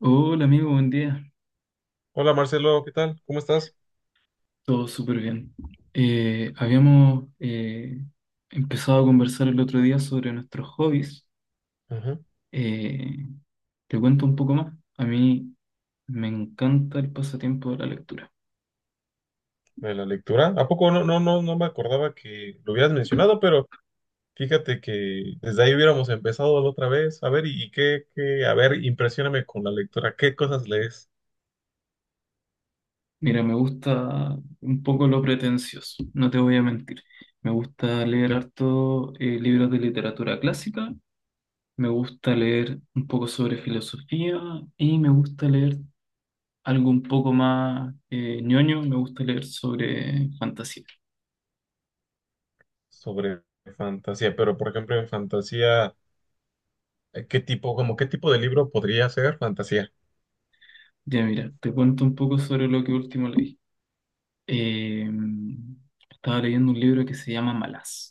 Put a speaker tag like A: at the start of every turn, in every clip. A: Hola amigo, buen día.
B: Hola Marcelo, ¿qué tal? ¿Cómo estás?
A: Todo súper bien. Habíamos empezado a conversar el otro día sobre nuestros hobbies.
B: Ujú.
A: Eh, Te cuento un poco más. A mí me encanta el pasatiempo de la lectura.
B: De la lectura. ¿A poco no me acordaba que lo hubieras mencionado, pero fíjate que desde ahí hubiéramos empezado la otra vez. A ver, y qué, a ver, impresióname con la lectura. ¿Qué cosas lees
A: Mira, me gusta un poco lo pretencioso, no te voy a mentir. Me gusta leer harto libros de literatura clásica, me gusta leer un poco sobre filosofía y me gusta leer algo un poco más ñoño, me gusta leer sobre fantasía.
B: sobre fantasía? Pero, por ejemplo, en fantasía, ¿qué tipo, como qué tipo de libro podría ser fantasía?
A: Ya mira, te cuento un poco sobre lo que último leí. Eh, Estaba leyendo un libro que se llama Malaz.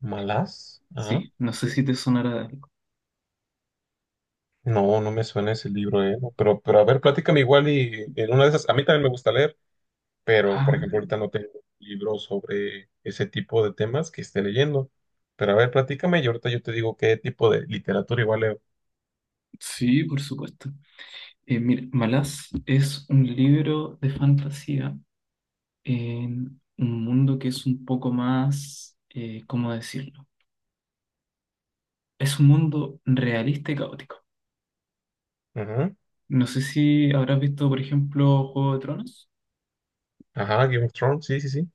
B: ¿Malas? Ajá.
A: Sí, no sé si te sonará de algo.
B: No, no me suena ese libro, No, pero a ver, platícame igual y en una de esas, a mí también me gusta leer. Pero por
A: Ah,
B: ejemplo ahorita no tengo libros sobre ese tipo de temas que esté leyendo. Pero a ver, platícame y ahorita yo te digo qué tipo de literatura igual leo.
A: sí, por supuesto. Mira, Malaz es un libro de fantasía en un mundo que es un poco más, ¿cómo decirlo? Es un mundo realista y caótico.
B: Ujú.
A: No sé si habrás visto, por ejemplo, Juego de Tronos.
B: Ajá, Game of Thrones, sí, sí, sí.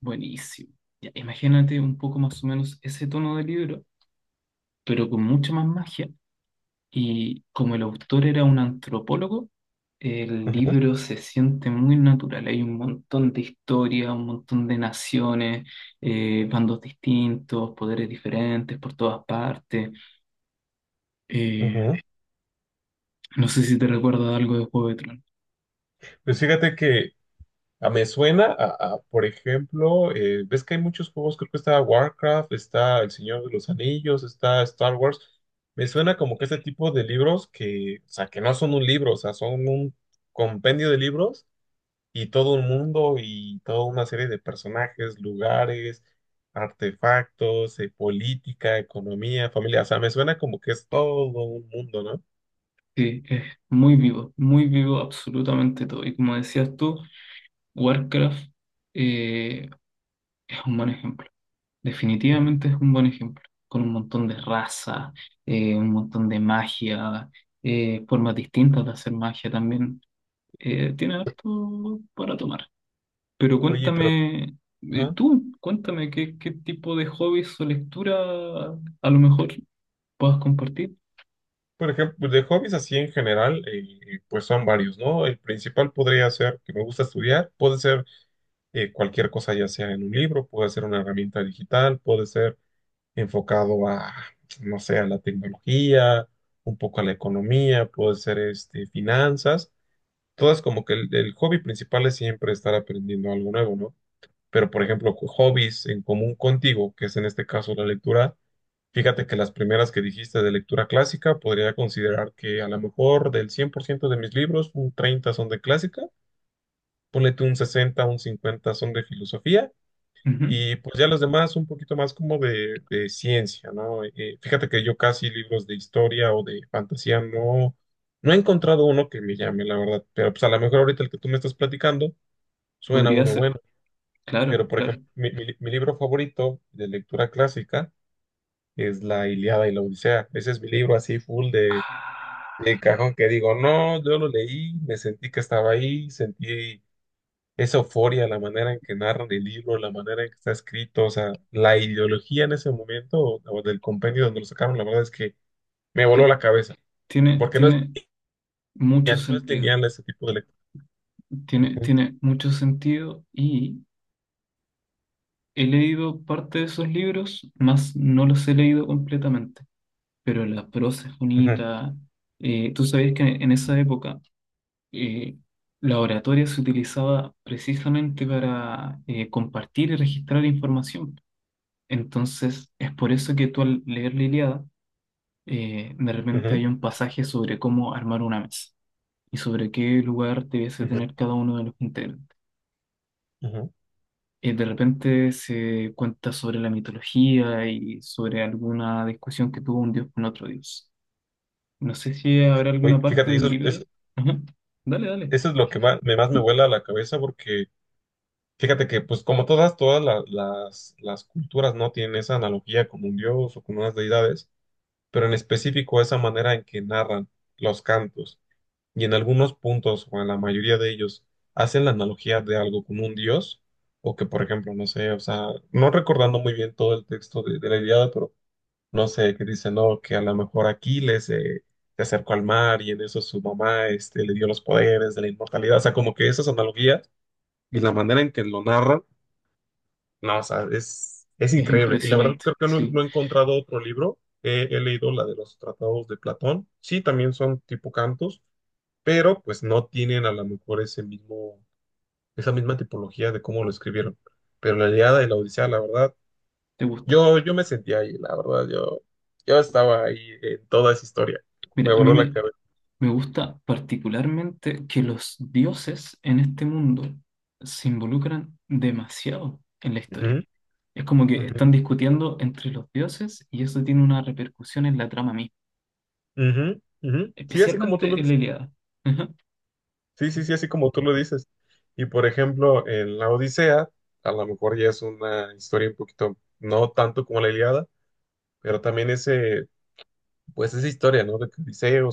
A: Buenísimo. Ya, imagínate un poco más o menos ese tono de libro, pero con mucha más magia. Y como el autor era un antropólogo, el
B: Ujú,
A: libro se siente muy natural. Hay un montón de historia, un montón de naciones, bandos distintos, poderes diferentes por todas partes. Eh,
B: ujú.
A: no sé si te recuerda algo de Juego de Tronos.
B: Pues fíjate que me suena a, por ejemplo, ves que hay muchos juegos, creo que está Warcraft, está El Señor de los Anillos, está Star Wars. Me suena como que este tipo de libros que, o sea, que no son un libro, o sea, son un compendio de libros y todo un mundo y toda una serie de personajes, lugares, artefactos, política, economía, familia. O sea, me suena como que es todo un mundo, ¿no?
A: Sí, es muy vivo absolutamente todo. Y como decías tú, Warcraft eh, es un buen ejemplo.
B: Ujú.
A: Definitivamente es un buen ejemplo, con un montón de raza, un montón de magia, formas distintas de hacer magia también. Tiene harto para tomar. Pero
B: Oye, pero,
A: cuéntame,
B: ajá.
A: tú, cuéntame qué, qué tipo de hobbies o lectura a lo mejor puedas compartir.
B: Por ejemplo, pues, de hobbies así en general, pues son varios, ¿no? El principal podría ser que me gusta estudiar, puede ser cualquier cosa, ya sea en un libro, puede ser una herramienta digital, puede ser enfocado a, no sé, a la tecnología, un poco a la economía, puede ser este, finanzas. Todas como que el hobby principal es siempre estar aprendiendo algo nuevo, ¿no? Pero, por ejemplo, hobbies en común contigo, que es en este caso la lectura, fíjate que las primeras que dijiste de lectura clásica, podría considerar que a lo mejor del 100% de mis libros, un 30 son de clásica, ponle tú un 60, un 50 son de filosofía
A: Ujú.
B: y pues ya los demás un poquito más como de ciencia, ¿no? Fíjate que yo casi libros de historia o de fantasía no, no he encontrado uno que me llame, la verdad. Pero pues a lo mejor ahorita el que tú me estás platicando suena
A: Podría
B: uno
A: ser,
B: bueno.
A: claro,
B: Pero por
A: claro.
B: ejemplo, mi libro favorito de lectura clásica es La Ilíada y la Odisea. Ese es mi libro así full de
A: Ah,
B: cajón que digo, no, yo lo leí, me sentí que estaba ahí, sentí esa euforia, la manera en que narran el libro, la manera en que está escrito, o sea, la ideología en ese momento o del compendio donde lo sacaron, la verdad es que me voló la
A: ti-
B: cabeza,
A: tiene,
B: porque no es
A: tiene mucho
B: lineal, no es
A: sentido,
B: lineal ese tipo de lectura.
A: tiene,
B: Ujú,
A: tiene mucho sentido y... He leído parte de esos libros, más no los he leído completamente, pero la prosa es
B: ujú,
A: bonita. Tú sabes que en esa época eh, la oratoria se utilizaba precisamente para compartir y registrar información. Entonces, es por eso que tú al leer la Ilíada, de repente
B: ujú,
A: hay un pasaje sobre cómo armar una mesa y sobre qué lugar debiese
B: ujú.
A: tener cada uno de los integrantes. De repente se cuenta sobre la mitología y sobre alguna discusión que tuvo un dios con otro dios. No sé si habrá
B: Oye,
A: alguna parte
B: fíjate,
A: del libro. Ajá. Dale, dale.
B: eso es lo que más me vuela la cabeza porque fíjate que pues como todas, todas las culturas no tienen esa analogía con un dios o con unas deidades, pero en específico esa manera en que narran los cantos y en algunos puntos o en la mayoría de ellos hacen la analogía de algo como un dios, o que por ejemplo, no sé, o sea, no recordando muy bien todo el texto de la Ilíada, pero no sé, que dice, no, que a lo mejor Aquiles se acercó al mar y en eso su mamá este, le dio los poderes de la inmortalidad, o sea, como que esas analogías y la manera en que lo narran, no, o sea, es
A: Es
B: increíble. Y la verdad
A: impresionante,
B: creo que no,
A: sí,
B: no he encontrado otro libro. He, he leído la de los tratados de Platón. Sí, también son tipo cantos, pero pues no tienen a lo mejor ese mismo, esa misma tipología de cómo lo escribieron. Pero la Ilíada y la Odisea, la verdad,
A: te gusta.
B: yo me sentía ahí, la verdad, yo estaba ahí en toda esa historia. Me
A: Mira, a mí
B: voló la
A: me,
B: cabeza.
A: me gusta particularmente que los dioses en este mundo se involucran demasiado en la
B: Ujú,
A: historia. Es como que
B: ujú,
A: están discutiendo entre los dioses y eso tiene una repercusión en la trama misma,
B: ujú, ujú. Sí, así como tú lo
A: especialmente en la
B: dices.
A: Ilíada. Ajá.
B: Sí, sí, sí, así como tú lo dices. Y por ejemplo, en la Odisea, a lo mejor ya es una historia un poquito, no tanto como la Ilíada, pero también ese, pues esa historia, ¿no? De que Odiseo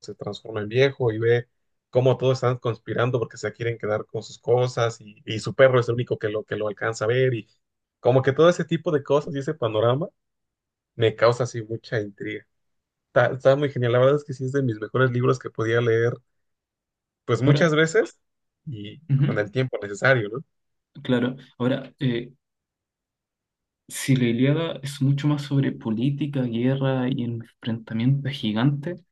B: se transforma en viejo y ve cómo todos están conspirando porque se quieren quedar con sus cosas y su perro es el único que lo alcanza a ver y como que todo ese tipo de cosas y ese panorama me causa así mucha intriga. Está, está muy genial, la verdad es que sí es de mis mejores libros que podía leer pues muchas
A: Ahora,
B: veces y con
A: ujú,
B: el tiempo necesario, ¿no?
A: claro, ahora, si la Ilíada es mucho más sobre política, guerra y enfrentamientos gigantes,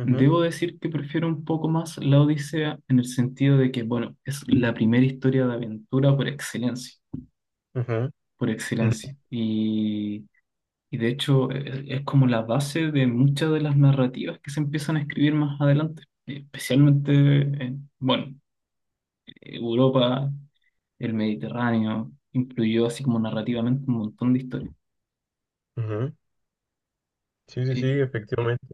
B: Ujú,
A: debo decir que prefiero un poco más la Odisea en el sentido de que, bueno, es la primera historia de aventura por excelencia,
B: ujú,
A: por
B: ujú,
A: excelencia. Y de hecho, es como la base de muchas de las narrativas que se empiezan a escribir más adelante, especialmente en, bueno, Europa, el Mediterráneo, influyó así como narrativamente un montón de historias.
B: ujú. Sí, sí, sí,
A: Eh,
B: efectivamente.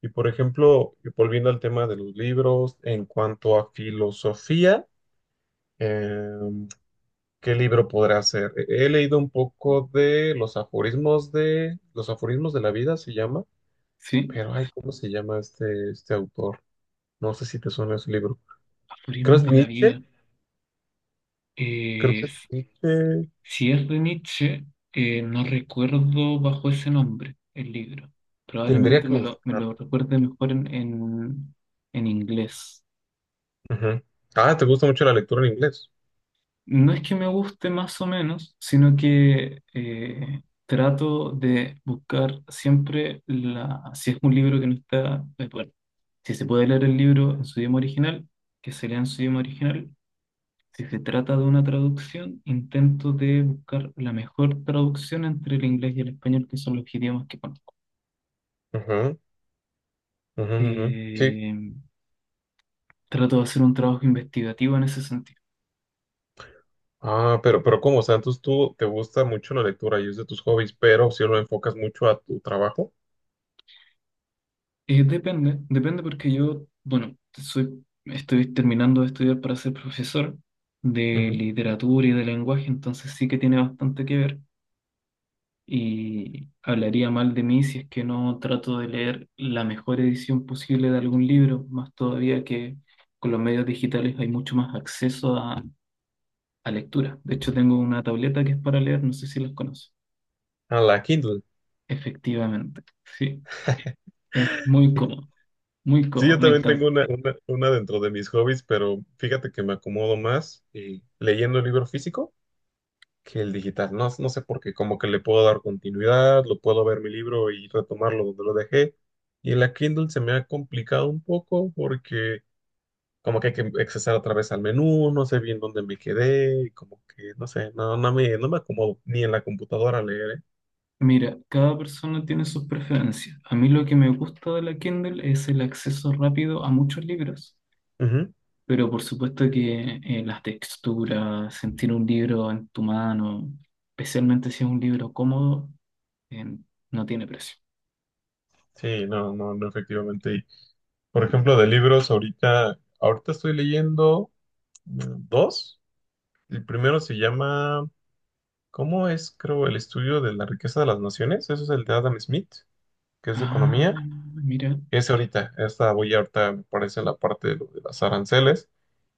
B: Y por ejemplo, volviendo al tema de los libros, en cuanto a filosofía, em, ¿qué libro podrá ser? He leído un poco de los aforismos de los aforismos de la vida, se llama,
A: sí,
B: pero ay, ¿cómo se llama este, este autor? No sé si te suena ese libro. Creo
A: aforismos
B: es
A: de la
B: Nietzsche,
A: vida.
B: creo que
A: Eh,
B: es
A: s-
B: Nietzsche.
A: si es de Nietzsche, no recuerdo bajo ese nombre el libro.
B: Tendría
A: Probablemente
B: que
A: me
B: buscarlo.
A: lo recuerde mejor en inglés.
B: Ujú. Ah, ¿te gusta mucho la lectura en inglés?
A: No es que me guste más o menos, sino que trato de buscar siempre la... Si es un libro que no está... bueno, si se puede leer el libro en su idioma original, que se lea en su idioma original. Si se trata de una traducción, intento de buscar la mejor traducción entre el inglés y el español, que son los idiomas que conozco.
B: Ujú, ujú, ujú. Sí.
A: Eh, Trato de hacer un trabajo investigativo en ese sentido.
B: Ah, pero ¿cómo? O sea, entonces tú te gusta mucho la lectura y es de tus hobbies, pero si lo enfocas mucho a tu trabajo,
A: Depende, depende porque yo, bueno, soy, estoy terminando de estudiar para ser profesor de
B: ujú.
A: literatura y de lenguaje, entonces sí que tiene bastante que ver. Y hablaría mal de mí si es que no trato de leer la mejor edición posible de algún libro, más todavía que con los medios digitales hay mucho más acceso a lectura. De hecho, tengo una tableta que es para leer, no sé si las conoces.
B: A la Kindle.
A: Efectivamente, sí, es muy
B: Sí,
A: cómodo,
B: yo
A: me
B: también tengo
A: encanta.
B: una, una dentro de mis hobbies, pero fíjate que me acomodo más leyendo el libro físico que el digital. No, no sé por qué, como que le puedo dar continuidad, lo puedo ver mi libro y retomarlo donde lo dejé. Y en la Kindle se me ha complicado un poco porque como que hay que accesar otra vez al menú, no sé bien dónde me quedé, y como que no sé, no me acomodo ni en la computadora a leer,
A: Mira, cada persona tiene sus preferencias. A mí lo que me gusta de la Kindle es el acceso rápido a muchos libros.
B: ¿eh? Ujú.
A: Pero por supuesto que las texturas, sentir un libro en tu mano, especialmente si es un libro cómodo, eh, no tiene precio.
B: Sí, no, no, no, efectivamente. Y, por ejemplo, de libros, ahorita estoy leyendo. Dos. El primero se llama, ¿cómo es, creo, el estudio de la riqueza de las naciones? Eso es el de Adam Smith, que es de
A: Ah,
B: economía.
A: mira,
B: Ese ahorita, esta voy ahorita, me parece, en la parte de, lo de las aranceles.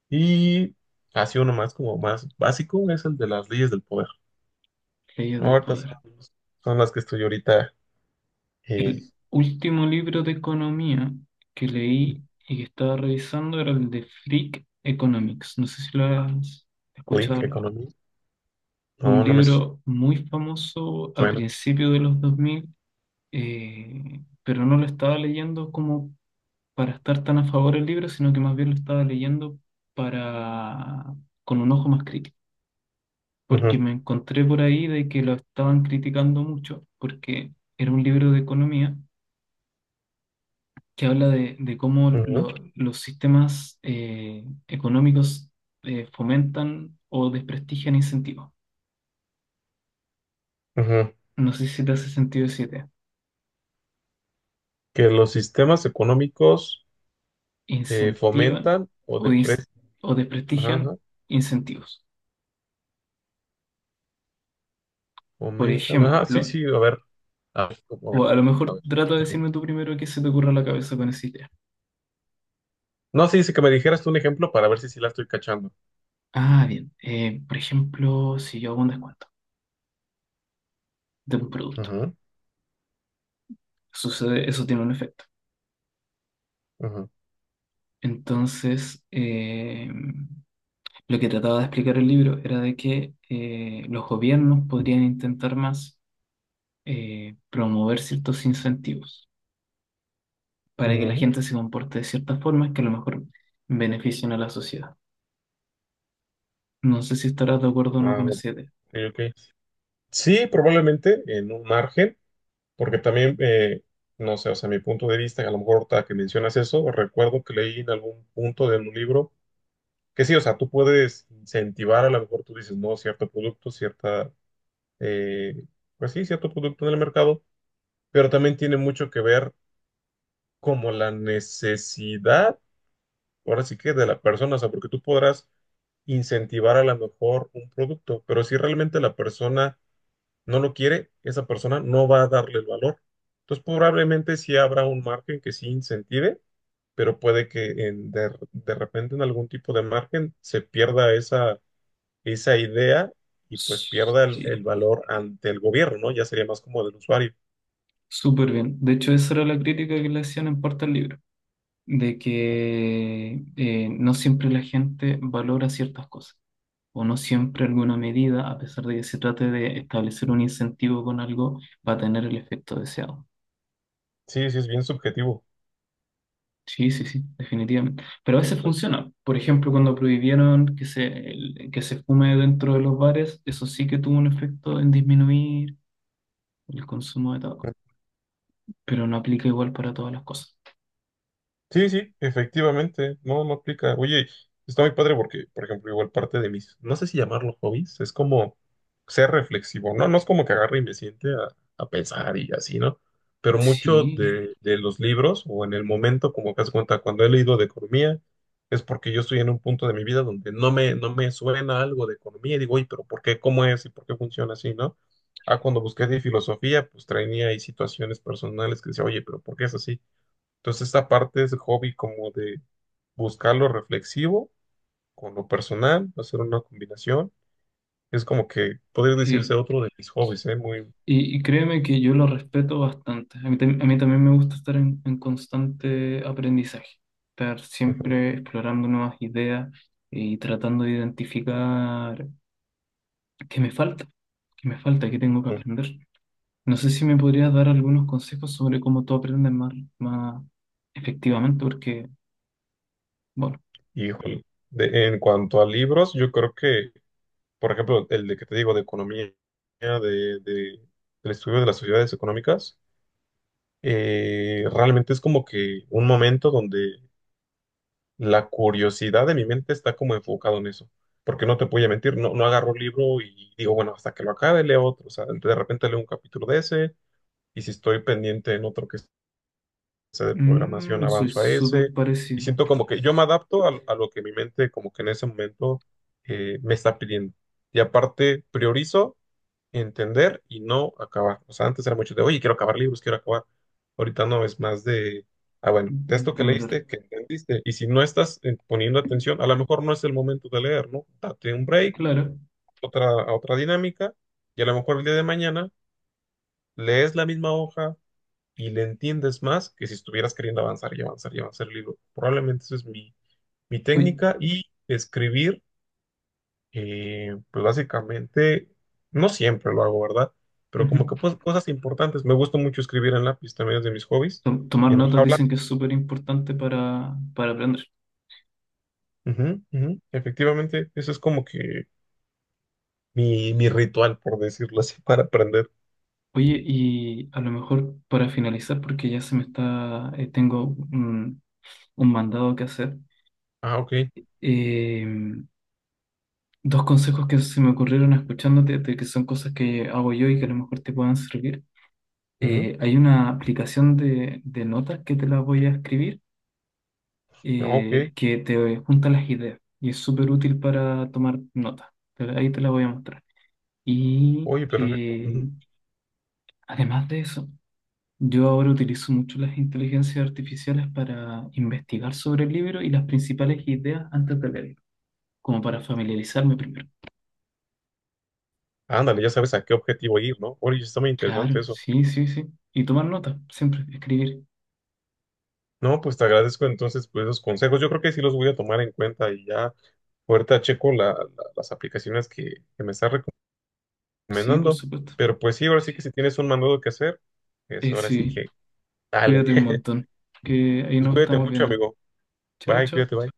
B: Y así uno más, como más básico, es el de las leyes del poder.
A: Leyes del
B: Ahorita son,
A: Poder.
B: son las que estoy eh,
A: El último libro de economía que leí y que estaba revisando era el de Freak Economics. No sé si lo has escuchado
B: Click
A: hablar.
B: Economy.
A: Es un
B: No, no me
A: libro muy famoso a
B: suena.
A: principios de los 2000, pero no lo estaba leyendo como para estar tan a favor del libro, sino que más bien lo estaba leyendo para con un ojo más crítico, porque
B: Ujú,
A: me encontré por ahí de que lo estaban criticando mucho, porque era un libro de economía que habla de cómo
B: ujú,
A: los sistemas económicos fomentan o desprestigian incentivos.
B: ujú.
A: No sé si te hace sentido esa idea.
B: Que los sistemas económicos
A: Incentivan
B: fomentan o
A: o,
B: deprecian.
A: o desprestigian incentivos. Por
B: Comentan. Ajá, sí,
A: ejemplo,
B: sí, a ver. A ver, ¿cómo va?
A: o a lo
B: A
A: mejor
B: ver.
A: trata de
B: Ajá.
A: decirme tú primero qué se te ocurre a la cabeza con esa idea.
B: No, sí, sí, que me dijeras tú un ejemplo para ver si sí la estoy cachando.
A: Ah, bien. Por ejemplo, si yo hago un descuento de un producto,
B: Ajá,
A: sucede, eso tiene un efecto.
B: ajá,
A: Entonces, lo que trataba de explicar el libro era de que los gobiernos podrían intentar más promover ciertos incentivos para que la
B: ajá.
A: gente se comporte de ciertas formas que a lo mejor beneficien a la sociedad. No sé si estarás de acuerdo o no
B: Ah,
A: con
B: ok,
A: esa idea.
B: ok. Sí, probablemente en un margen, porque también, no sé, o sea, mi punto de vista, a lo mejor ahorita que mencionas eso, recuerdo que leí en algún punto de un libro que sí, o sea, tú puedes incentivar, a lo mejor tú dices, no, cierto producto, cierta, eh, pues sí, cierto producto en el mercado, pero también tiene mucho que ver como la necesidad, ahora sí que de la persona, o sea, porque tú podrás incentivar a lo mejor un producto, pero si realmente la persona no lo quiere, esa persona no va a darle el valor. Entonces, probablemente sí habrá un margen que sí incentive, pero puede que de repente en algún tipo de margen se pierda esa, esa idea y pues pierda el
A: Sí.
B: valor ante el gobierno, ¿no? Ya sería más como del usuario.
A: Súper bien. De hecho, esa era la crítica que le hacían en parte al libro, de que no siempre la gente valora ciertas cosas, o no siempre alguna medida, a pesar de que se trate de establecer un incentivo con algo, va a tener el efecto deseado.
B: Sí, sí, es bien subjetivo.
A: Sí, sí, sí, definitivamente. Pero a veces funciona. Por ejemplo, cuando prohibieron que se, que se fume dentro de los bares, eso sí que tuvo un efecto en disminuir el consumo de tabaco, pero no aplica igual para todas las cosas.
B: Sí, sí, efectivamente, no, no aplica. Oye, está muy padre porque, por ejemplo, igual parte de mis, no sé si llamarlo hobbies, es como ser reflexivo, ¿no? No es como que agarre y me siente a pensar y así, ¿no? Pero mucho
A: Sí,
B: de los libros o en el momento, como que das cuenta, cuando he leído de economía, es porque yo estoy en un punto de mi vida donde no me suena algo de economía y digo, oye, pero ¿por qué? ¿Cómo es? ¿Y por qué funciona así, ¿no? Ah, cuando busqué de filosofía, pues traía ahí situaciones personales que decía, oye, pero ¿por qué es así? Entonces, esta parte es hobby como de buscar lo reflexivo con lo personal, hacer una combinación. Es como que podría decirse
A: sí.
B: otro de mis hobbies, ¿eh? Muy...
A: Y créeme que yo lo respeto bastante. A mí, a mí también me gusta estar en constante aprendizaje, estar
B: ujú,
A: siempre explorando nuevas ideas y tratando de identificar qué me falta, qué me falta, qué tengo que
B: ujú.
A: aprender. No sé si me podrías dar algunos consejos sobre cómo tú aprendes más, más efectivamente, porque, bueno,
B: Híjole. En cuanto a libros, yo creo que, por ejemplo, el de que te digo de economía, de, de- del estudio de las sociedades económicas, realmente es como que un momento donde la curiosidad de mi mente está como enfocado en eso. Porque no te voy a mentir, no, no agarro un libro y digo, bueno, hasta que lo acabe, leo otro. O sea, de repente leo un capítulo de ese, y si estoy pendiente en otro que sea de programación,
A: mm, soy
B: avanzo a
A: súper
B: ese. Y
A: parecido.
B: siento como que yo me adapto a lo que mi mente como que en ese momento me está pidiendo. Y aparte, priorizo entender y no acabar. O sea, antes era mucho de, oye, quiero acabar libros, quiero acabar. Ahorita no, es más de, ah, bueno, de esto que
A: Entender.
B: leíste, que entendiste. Y si no estás poniendo atención, a lo mejor no es el momento de leer, ¿no? Date un break,
A: Claro.
B: otra, a otra dinámica, y a lo mejor el día de mañana lees la misma hoja y le entiendes más que si estuvieras queriendo avanzar y avanzar y avanzar el libro. Probablemente esa es mi, mi
A: Oye,
B: técnica y escribir pues básicamente, no siempre lo hago, ¿verdad? Pero como que
A: ujú.
B: pues, cosas importantes. Me gusta mucho escribir en lápiz, también es de mis hobbies,
A: Tomar
B: en
A: notas
B: hoja blanca.
A: dicen que es súper importante para aprender.
B: Ujú, ujú. Efectivamente, eso es como que mi ritual, por decirlo así, para aprender.
A: Oye, y a lo mejor para finalizar, porque ya se me está, tengo un mandado que hacer,
B: Ah, ok.
A: eh, dos consejos que se me ocurrieron escuchándote, de que son cosas que hago yo y que a lo mejor te puedan servir.
B: Ujú,
A: Hay una aplicación de notas que te la voy a escribir,
B: ah, ok.
A: que te junta las ideas y es súper útil para tomar notas. Ahí te la voy a mostrar. Y
B: Oye, perfecto. Ujú.
A: además de eso... Yo ahora utilizo mucho las inteligencias artificiales para investigar sobre el libro y las principales ideas antes de leerlo, como para familiarizarme primero.
B: Ándale, ya sabes a qué objetivo ir, ¿no? Oye, está muy
A: Claro,
B: interesante eso.
A: sí, sí, sí. Y tomar nota, siempre, escribir.
B: No, pues te agradezco entonces pues, esos consejos. Yo creo que sí los voy a tomar en cuenta y ya ahorita checo las aplicaciones que me estás recomendando
A: Sí, por
B: recomendando.
A: supuesto.
B: Pero pues sí, ahora sí que si tienes un mandado que hacer, es ahora sí
A: Sí,
B: que dale.
A: cuídate un montón, que ahí
B: Pues
A: nos
B: cuídate
A: estamos
B: mucho,
A: viendo.
B: amigo.
A: Chao,
B: Bye,
A: chao.
B: cuídate, bye.